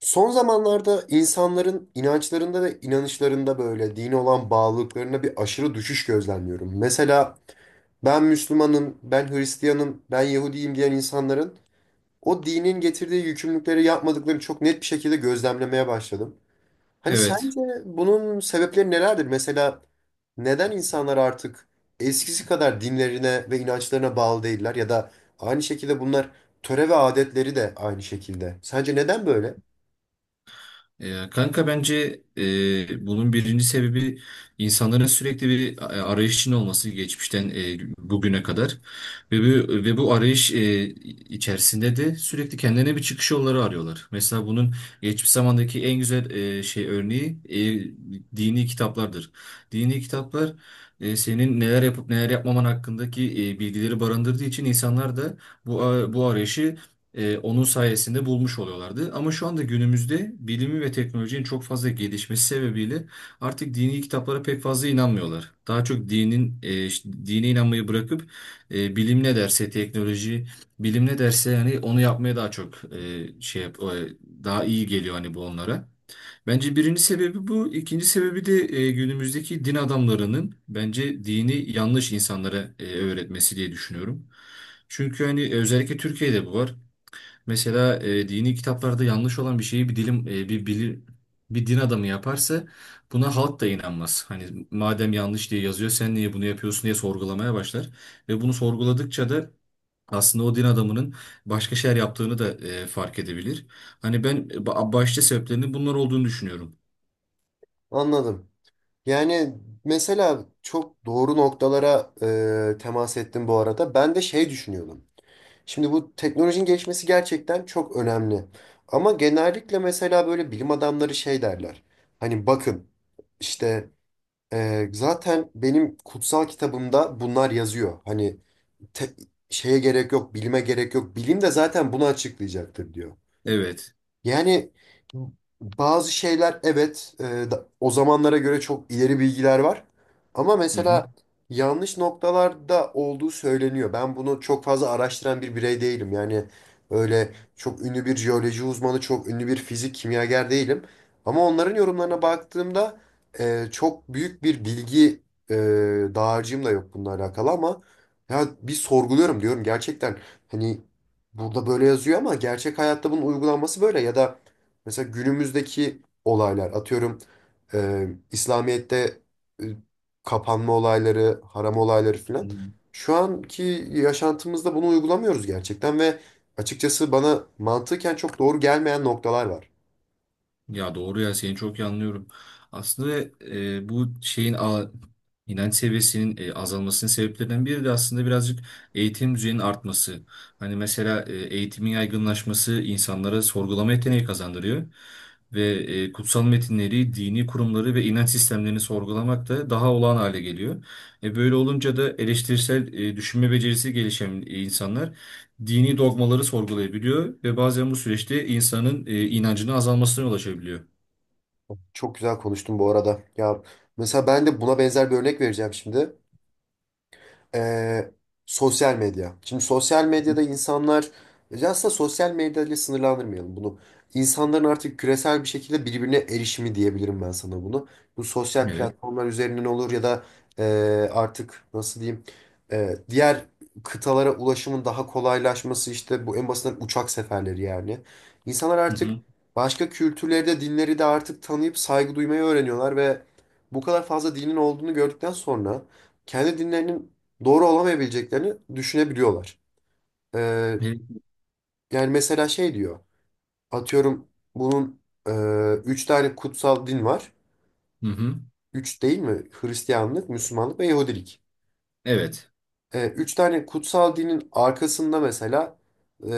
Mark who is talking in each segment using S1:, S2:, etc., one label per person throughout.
S1: Son zamanlarda insanların inançlarında ve inanışlarında böyle dine olan bağlılıklarına bir aşırı düşüş gözlemliyorum. Mesela ben Müslümanım, ben Hristiyanım, ben Yahudiyim diyen insanların o dinin getirdiği yükümlülükleri yapmadıklarını çok net bir şekilde gözlemlemeye başladım. Hani
S2: Evet.
S1: sence bunun sebepleri nelerdir? Mesela neden insanlar artık eskisi kadar dinlerine ve inançlarına bağlı değiller ya da aynı şekilde bunlar töre ve adetleri de aynı şekilde. Sence neden böyle?
S2: Kanka bence bunun birinci sebebi insanların sürekli bir arayış içinde olması geçmişten bugüne kadar ve bu arayış içerisinde de sürekli kendilerine bir çıkış yolları arıyorlar. Mesela bunun geçmiş zamandaki en güzel şey örneği dini kitaplardır. Dini kitaplar, senin neler yapıp neler yapmaman hakkındaki bilgileri barındırdığı için insanlar da bu arayışı, onun sayesinde bulmuş oluyorlardı. Ama şu anda günümüzde bilimi ve teknolojinin çok fazla gelişmesi sebebiyle artık dini kitaplara pek fazla inanmıyorlar. Daha çok dinin işte dine inanmayı bırakıp bilim ne derse teknoloji, bilim ne derse yani onu yapmaya daha çok daha iyi geliyor hani bu onlara. Bence birinci sebebi bu. İkinci sebebi de günümüzdeki din adamlarının bence dini yanlış insanlara öğretmesi diye düşünüyorum. Çünkü hani özellikle Türkiye'de bu var. Mesela dini kitaplarda yanlış olan bir şeyi bir dilim e, bir bilir bir din adamı yaparsa buna halk da inanmaz. Hani madem yanlış diye yazıyor sen niye bunu yapıyorsun diye sorgulamaya başlar. Ve bunu sorguladıkça da aslında o din adamının başka şeyler yaptığını da fark edebilir. Hani başta sebeplerinin bunlar olduğunu düşünüyorum.
S1: Anladım. Yani mesela çok doğru noktalara temas ettim bu arada. Ben de şey düşünüyordum. Şimdi bu teknolojinin gelişmesi gerçekten çok önemli. Ama genellikle mesela böyle bilim adamları şey derler. Hani bakın işte zaten benim kutsal kitabımda bunlar yazıyor. Hani te- şeye gerek yok, bilime gerek yok. Bilim de zaten bunu açıklayacaktır diyor.
S2: Evet.
S1: Yani bazı şeyler evet, o zamanlara göre çok ileri bilgiler var. Ama
S2: Hı
S1: mesela yanlış noktalarda olduğu söyleniyor. Ben bunu çok fazla araştıran bir birey değilim. Yani öyle çok ünlü bir jeoloji uzmanı, çok ünlü bir fizik kimyager değilim. Ama onların yorumlarına baktığımda çok büyük bir bilgi e, dağarcığım da yok bununla alakalı ama ya bir sorguluyorum diyorum gerçekten. Hani burada böyle yazıyor ama gerçek hayatta bunun uygulanması böyle ya da mesela günümüzdeki olaylar atıyorum İslamiyet'te, e, kapanma olayları, haram olayları filan.
S2: hı.
S1: Şu anki yaşantımızda bunu uygulamıyoruz gerçekten ve açıkçası bana mantıken çok doğru gelmeyen noktalar var.
S2: Ya doğru, ya seni çok iyi anlıyorum. Aslında bu inanç seviyesinin azalmasının sebeplerinden biri de aslında birazcık eğitim düzeyinin artması. Hani mesela eğitimin yaygınlaşması insanlara sorgulama yeteneği kazandırıyor. Ve kutsal metinleri, dini kurumları ve inanç sistemlerini sorgulamak da daha olağan hale geliyor. Böyle olunca da eleştirisel düşünme becerisi gelişen insanlar dini dogmaları sorgulayabiliyor ve bazen bu süreçte insanın inancının azalmasına yol açabiliyor.
S1: Çok güzel konuştun bu arada. Ya mesela ben de buna benzer bir örnek vereceğim şimdi. Ee, sosyal medya. Şimdi sosyal
S2: Hı.
S1: medyada insanlar, aslında sosyal medyayla sınırlandırmayalım bunu. İnsanların artık küresel bir şekilde birbirine erişimi diyebilirim ben sana bunu. Bu sosyal
S2: Evet.
S1: platformlar üzerinden olur ya da e, artık nasıl diyeyim, diğer kıtalara ulaşımın daha kolaylaşması işte bu en basitinden uçak seferleri yani. İnsanlar
S2: Hı
S1: artık
S2: hı.
S1: başka kültürleri de dinleri de artık tanıyıp saygı duymayı öğreniyorlar ve bu kadar fazla dinin olduğunu gördükten sonra kendi dinlerinin doğru olamayabileceklerini düşünebiliyorlar. Ee,
S2: Evet.
S1: yani mesela şey diyor. Atıyorum bunun e, üç tane kutsal din var.
S2: Hı hı.
S1: Üç değil mi? Hristiyanlık, Müslümanlık ve Yahudilik.
S2: Evet.
S1: Üç tane kutsal dinin arkasında mesela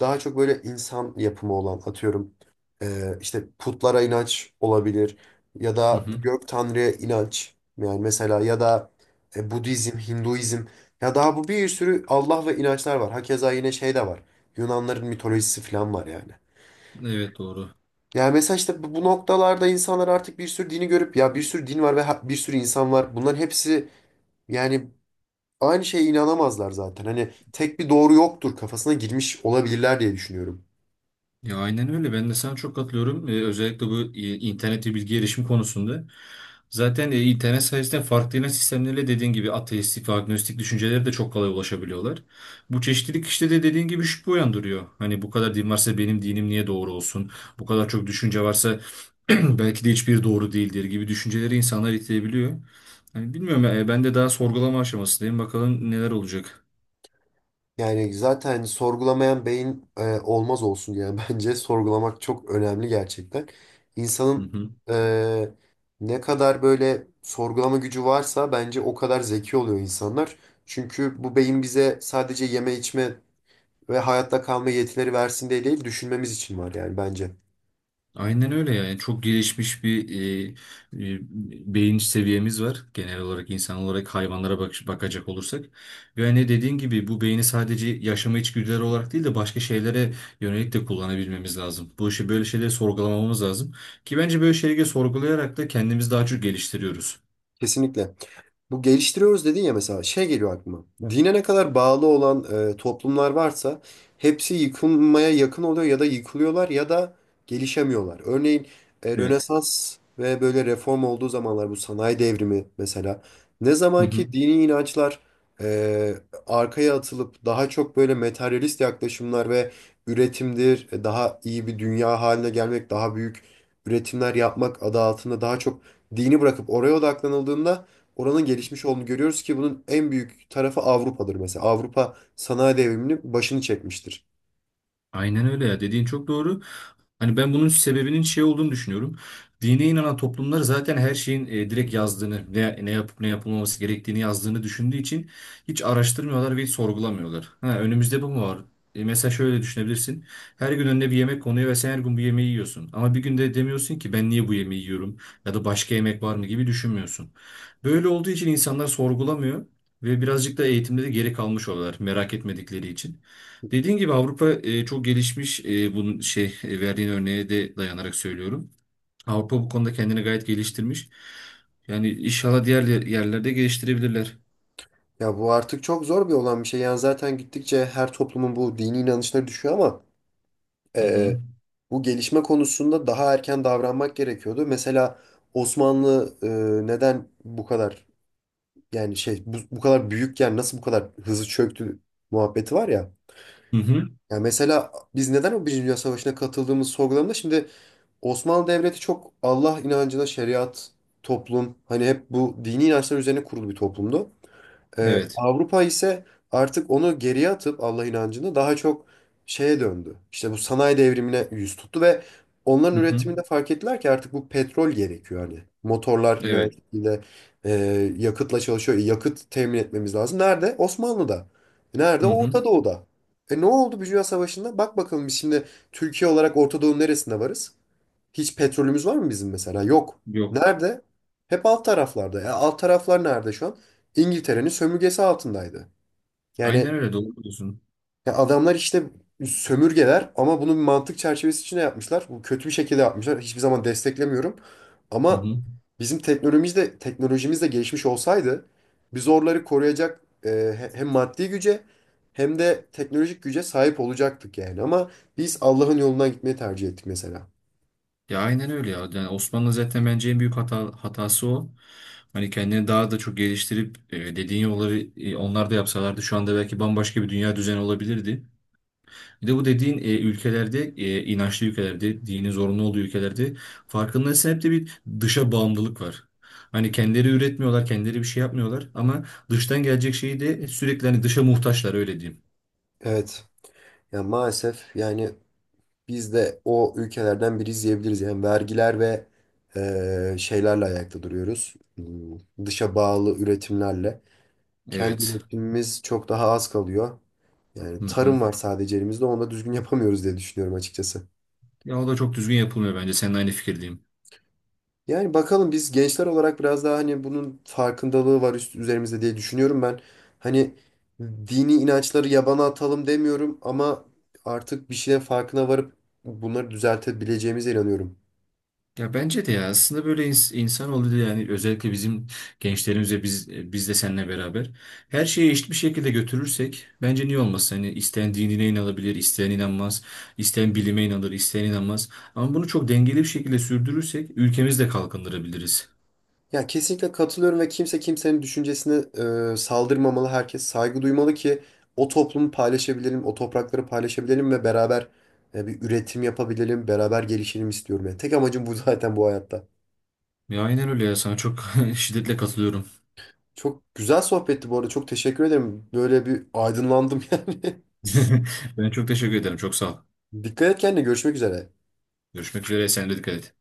S1: daha çok böyle insan yapımı olan atıyorum işte putlara inanç olabilir ya
S2: Hı
S1: da
S2: hı.
S1: gök tanrıya inanç yani mesela ya da Budizm, Hinduizm ya daha bu bir sürü Allah ve inançlar var. Hakeza yine şey de var. Yunanların mitolojisi falan var yani.
S2: Evet, doğru.
S1: Yani mesela işte bu noktalarda insanlar artık bir sürü dini görüp ya bir sürü din var ve bir sürü insan var. Bunların hepsi yani aynı şeye inanamazlar zaten. Hani tek bir doğru yoktur kafasına girmiş olabilirler diye düşünüyorum.
S2: Ya aynen öyle. Ben de sana çok katılıyorum. Özellikle bu internet ve bilgi erişim konusunda. Zaten internet sayesinde farklı inanç sistemleriyle dediğin gibi ateistik ve agnostik düşüncelere de çok kolay ulaşabiliyorlar. Bu çeşitlilik işte de dediğin gibi şüphe uyandırıyor. Hani bu kadar din varsa benim dinim niye doğru olsun? Bu kadar çok düşünce varsa belki de hiçbir doğru değildir gibi düşünceleri insanlar itebiliyor. Hani bilmiyorum, ben de daha sorgulama aşamasındayım. Bakalım neler olacak.
S1: Yani zaten sorgulamayan beyin olmaz olsun yani bence sorgulamak çok önemli gerçekten.
S2: Hı
S1: İnsanın
S2: hı.
S1: e, ne kadar böyle sorgulama gücü varsa bence o kadar zeki oluyor insanlar. Çünkü bu beyin bize sadece yeme içme ve hayatta kalma yetileri versin diye değil düşünmemiz için var yani bence.
S2: Aynen öyle, yani çok gelişmiş bir e, e, beyin seviyemiz var genel olarak insan olarak, hayvanlara bakacak olursak. Ve hani dediğin gibi bu beyni sadece yaşama içgüdüleri olarak değil de başka şeylere yönelik de kullanabilmemiz lazım. Bu işi böyle şeyleri sorgulamamız lazım ki bence böyle şeyleri sorgulayarak da kendimizi daha çok geliştiriyoruz.
S1: Kesinlikle. Bu geliştiriyoruz dedin ya, mesela şey geliyor aklıma. Hı. Dine ne kadar bağlı olan toplumlar varsa hepsi yıkılmaya yakın oluyor ya da yıkılıyorlar ya da gelişemiyorlar. Örneğin
S2: Evet.
S1: Rönesans ve böyle reform olduğu zamanlar, bu sanayi devrimi mesela, ne
S2: Hı
S1: zaman ki
S2: hı.
S1: dini inançlar e, arkaya atılıp daha çok böyle materyalist yaklaşımlar ve üretimdir, daha iyi bir dünya haline gelmek, daha büyük üretimler yapmak adı altında daha çok dini bırakıp oraya odaklanıldığında oranın gelişmiş olduğunu görüyoruz ki bunun en büyük tarafı Avrupa'dır mesela. Avrupa sanayi devriminin başını çekmiştir.
S2: Aynen öyle ya, dediğin çok doğru. Hani ben bunun sebebinin şey olduğunu düşünüyorum. Dine inanan toplumlar zaten her şeyin direkt yazdığını, ne yapıp ne yapılmaması gerektiğini yazdığını düşündüğü için hiç araştırmıyorlar ve hiç sorgulamıyorlar. Ha, önümüzde bu mu var? Mesela şöyle düşünebilirsin. Her gün önüne bir yemek konuyor ve sen her gün bu yemeği yiyorsun. Ama bir günde demiyorsun ki ben niye bu yemeği yiyorum ya da başka yemek var mı gibi düşünmüyorsun. Böyle olduğu için insanlar sorgulamıyor ve birazcık da eğitimde de geri kalmış oluyorlar merak etmedikleri için. Dediğin gibi Avrupa çok gelişmiş. Verdiğin örneğe de dayanarak söylüyorum. Avrupa bu konuda kendini gayet geliştirmiş. Yani inşallah diğer yerlerde geliştirebilirler.
S1: Ya bu artık çok zor bir olan bir şey. Yani zaten gittikçe her toplumun bu dini inançları düşüyor ama
S2: Hı hı.
S1: e, bu gelişme konusunda daha erken davranmak gerekiyordu. Mesela Osmanlı, neden bu kadar, yani şey, bu kadar büyükken nasıl bu kadar hızlı çöktü muhabbeti var ya.
S2: Hı hı.
S1: Ya mesela biz neden o Birinci Dünya Savaşı'na katıldığımız sorgulamada, şimdi Osmanlı Devleti çok Allah inancına, şeriat, toplum, hani hep bu dini inançlar üzerine kurulu bir toplumdu.
S2: Evet.
S1: Avrupa ise artık onu geriye atıp Allah inancını daha çok şeye döndü. İşte bu sanayi devrimine yüz tuttu ve onların
S2: Hı hı.
S1: üretiminde fark ettiler ki artık bu petrol gerekiyor hani. Motorlar yine aynı
S2: Evet.
S1: şekilde e, yakıtla çalışıyor. E, yakıt temin etmemiz lazım. Nerede? Osmanlı'da. E, nerede?
S2: Hı hı.
S1: Orta Doğu'da. E, ne oldu bir Dünya Savaşı'nda? Bak bakalım biz şimdi Türkiye olarak Orta Doğu'nun neresinde varız? Hiç petrolümüz var mı bizim mesela? Yok.
S2: Yok.
S1: Nerede? Hep alt taraflarda. Ya alt taraflar nerede şu an? İngiltere'nin sömürgesi altındaydı. Yani
S2: Aynen öyle, doğru diyorsun.
S1: ya adamlar işte sömürgeler ama bunu bir mantık çerçevesi içinde yapmışlar. Bu kötü bir şekilde yapmışlar. Hiçbir zaman desteklemiyorum.
S2: Hı
S1: Ama
S2: hı.
S1: bizim teknolojimiz de gelişmiş olsaydı, biz oraları koruyacak hem maddi güce hem de teknolojik güce sahip olacaktık yani. Ama biz Allah'ın yolundan gitmeyi tercih ettik mesela.
S2: Ya aynen öyle ya. Yani Osmanlı zaten bence en büyük hatası o. Hani kendini daha da çok geliştirip dediğin yolları onlar da yapsalardı şu anda belki bambaşka bir dünya düzeni olabilirdi. Bir de bu dediğin ülkelerde, inançlı ülkelerde, dini zorunlu olduğu ülkelerde farkındaysan hep de bir dışa bağımlılık var. Hani kendileri üretmiyorlar, kendileri bir şey yapmıyorlar ama dıştan gelecek şeyi de sürekli hani dışa muhtaçlar, öyle diyeyim.
S1: Evet. Ya maalesef yani biz de o ülkelerden biri izleyebiliriz. Yani vergiler ve şeylerle ayakta duruyoruz. Dışa bağlı üretimlerle. Kendi
S2: Evet.
S1: üretimimiz çok daha az kalıyor.
S2: Hı
S1: Yani
S2: hı.
S1: tarım var sadece elimizde. Onu da düzgün yapamıyoruz diye düşünüyorum açıkçası.
S2: Ya o da çok düzgün yapılmıyor bence. Seninle aynı fikirdeyim.
S1: Yani bakalım biz gençler olarak biraz daha hani bunun farkındalığı var üzerimizde diye düşünüyorum ben. Hani dini inançları yabana atalım demiyorum ama artık bir şeylerin farkına varıp bunları düzeltebileceğimize inanıyorum.
S2: Ya bence de, ya aslında böyle insan oldu yani, özellikle bizim gençlerimize biz de seninle beraber her şeyi eşit bir şekilde götürürsek bence niye olmasın? Hani isteyen dinine inanabilir, isteyen inanmaz, isteyen bilime inanır, isteyen inanmaz. Ama bunu çok dengeli bir şekilde sürdürürsek ülkemizi de kalkındırabiliriz.
S1: Ya kesinlikle katılıyorum ve kimse kimsenin düşüncesine saldırmamalı. Herkes saygı duymalı ki o toplumu paylaşabilelim, o toprakları paylaşabilelim ve beraber bir üretim yapabilelim, beraber gelişelim istiyorum. Yani tek amacım bu zaten bu hayatta.
S2: Ya aynen öyle ya, sana çok şiddetle katılıyorum.
S1: Çok güzel sohbetti bu arada. Çok teşekkür ederim. Böyle bir aydınlandım yani.
S2: Ben çok teşekkür ederim. Çok sağ ol.
S1: Dikkat et kendine. Görüşmek üzere.
S2: Görüşmek üzere. Sen de dikkat et.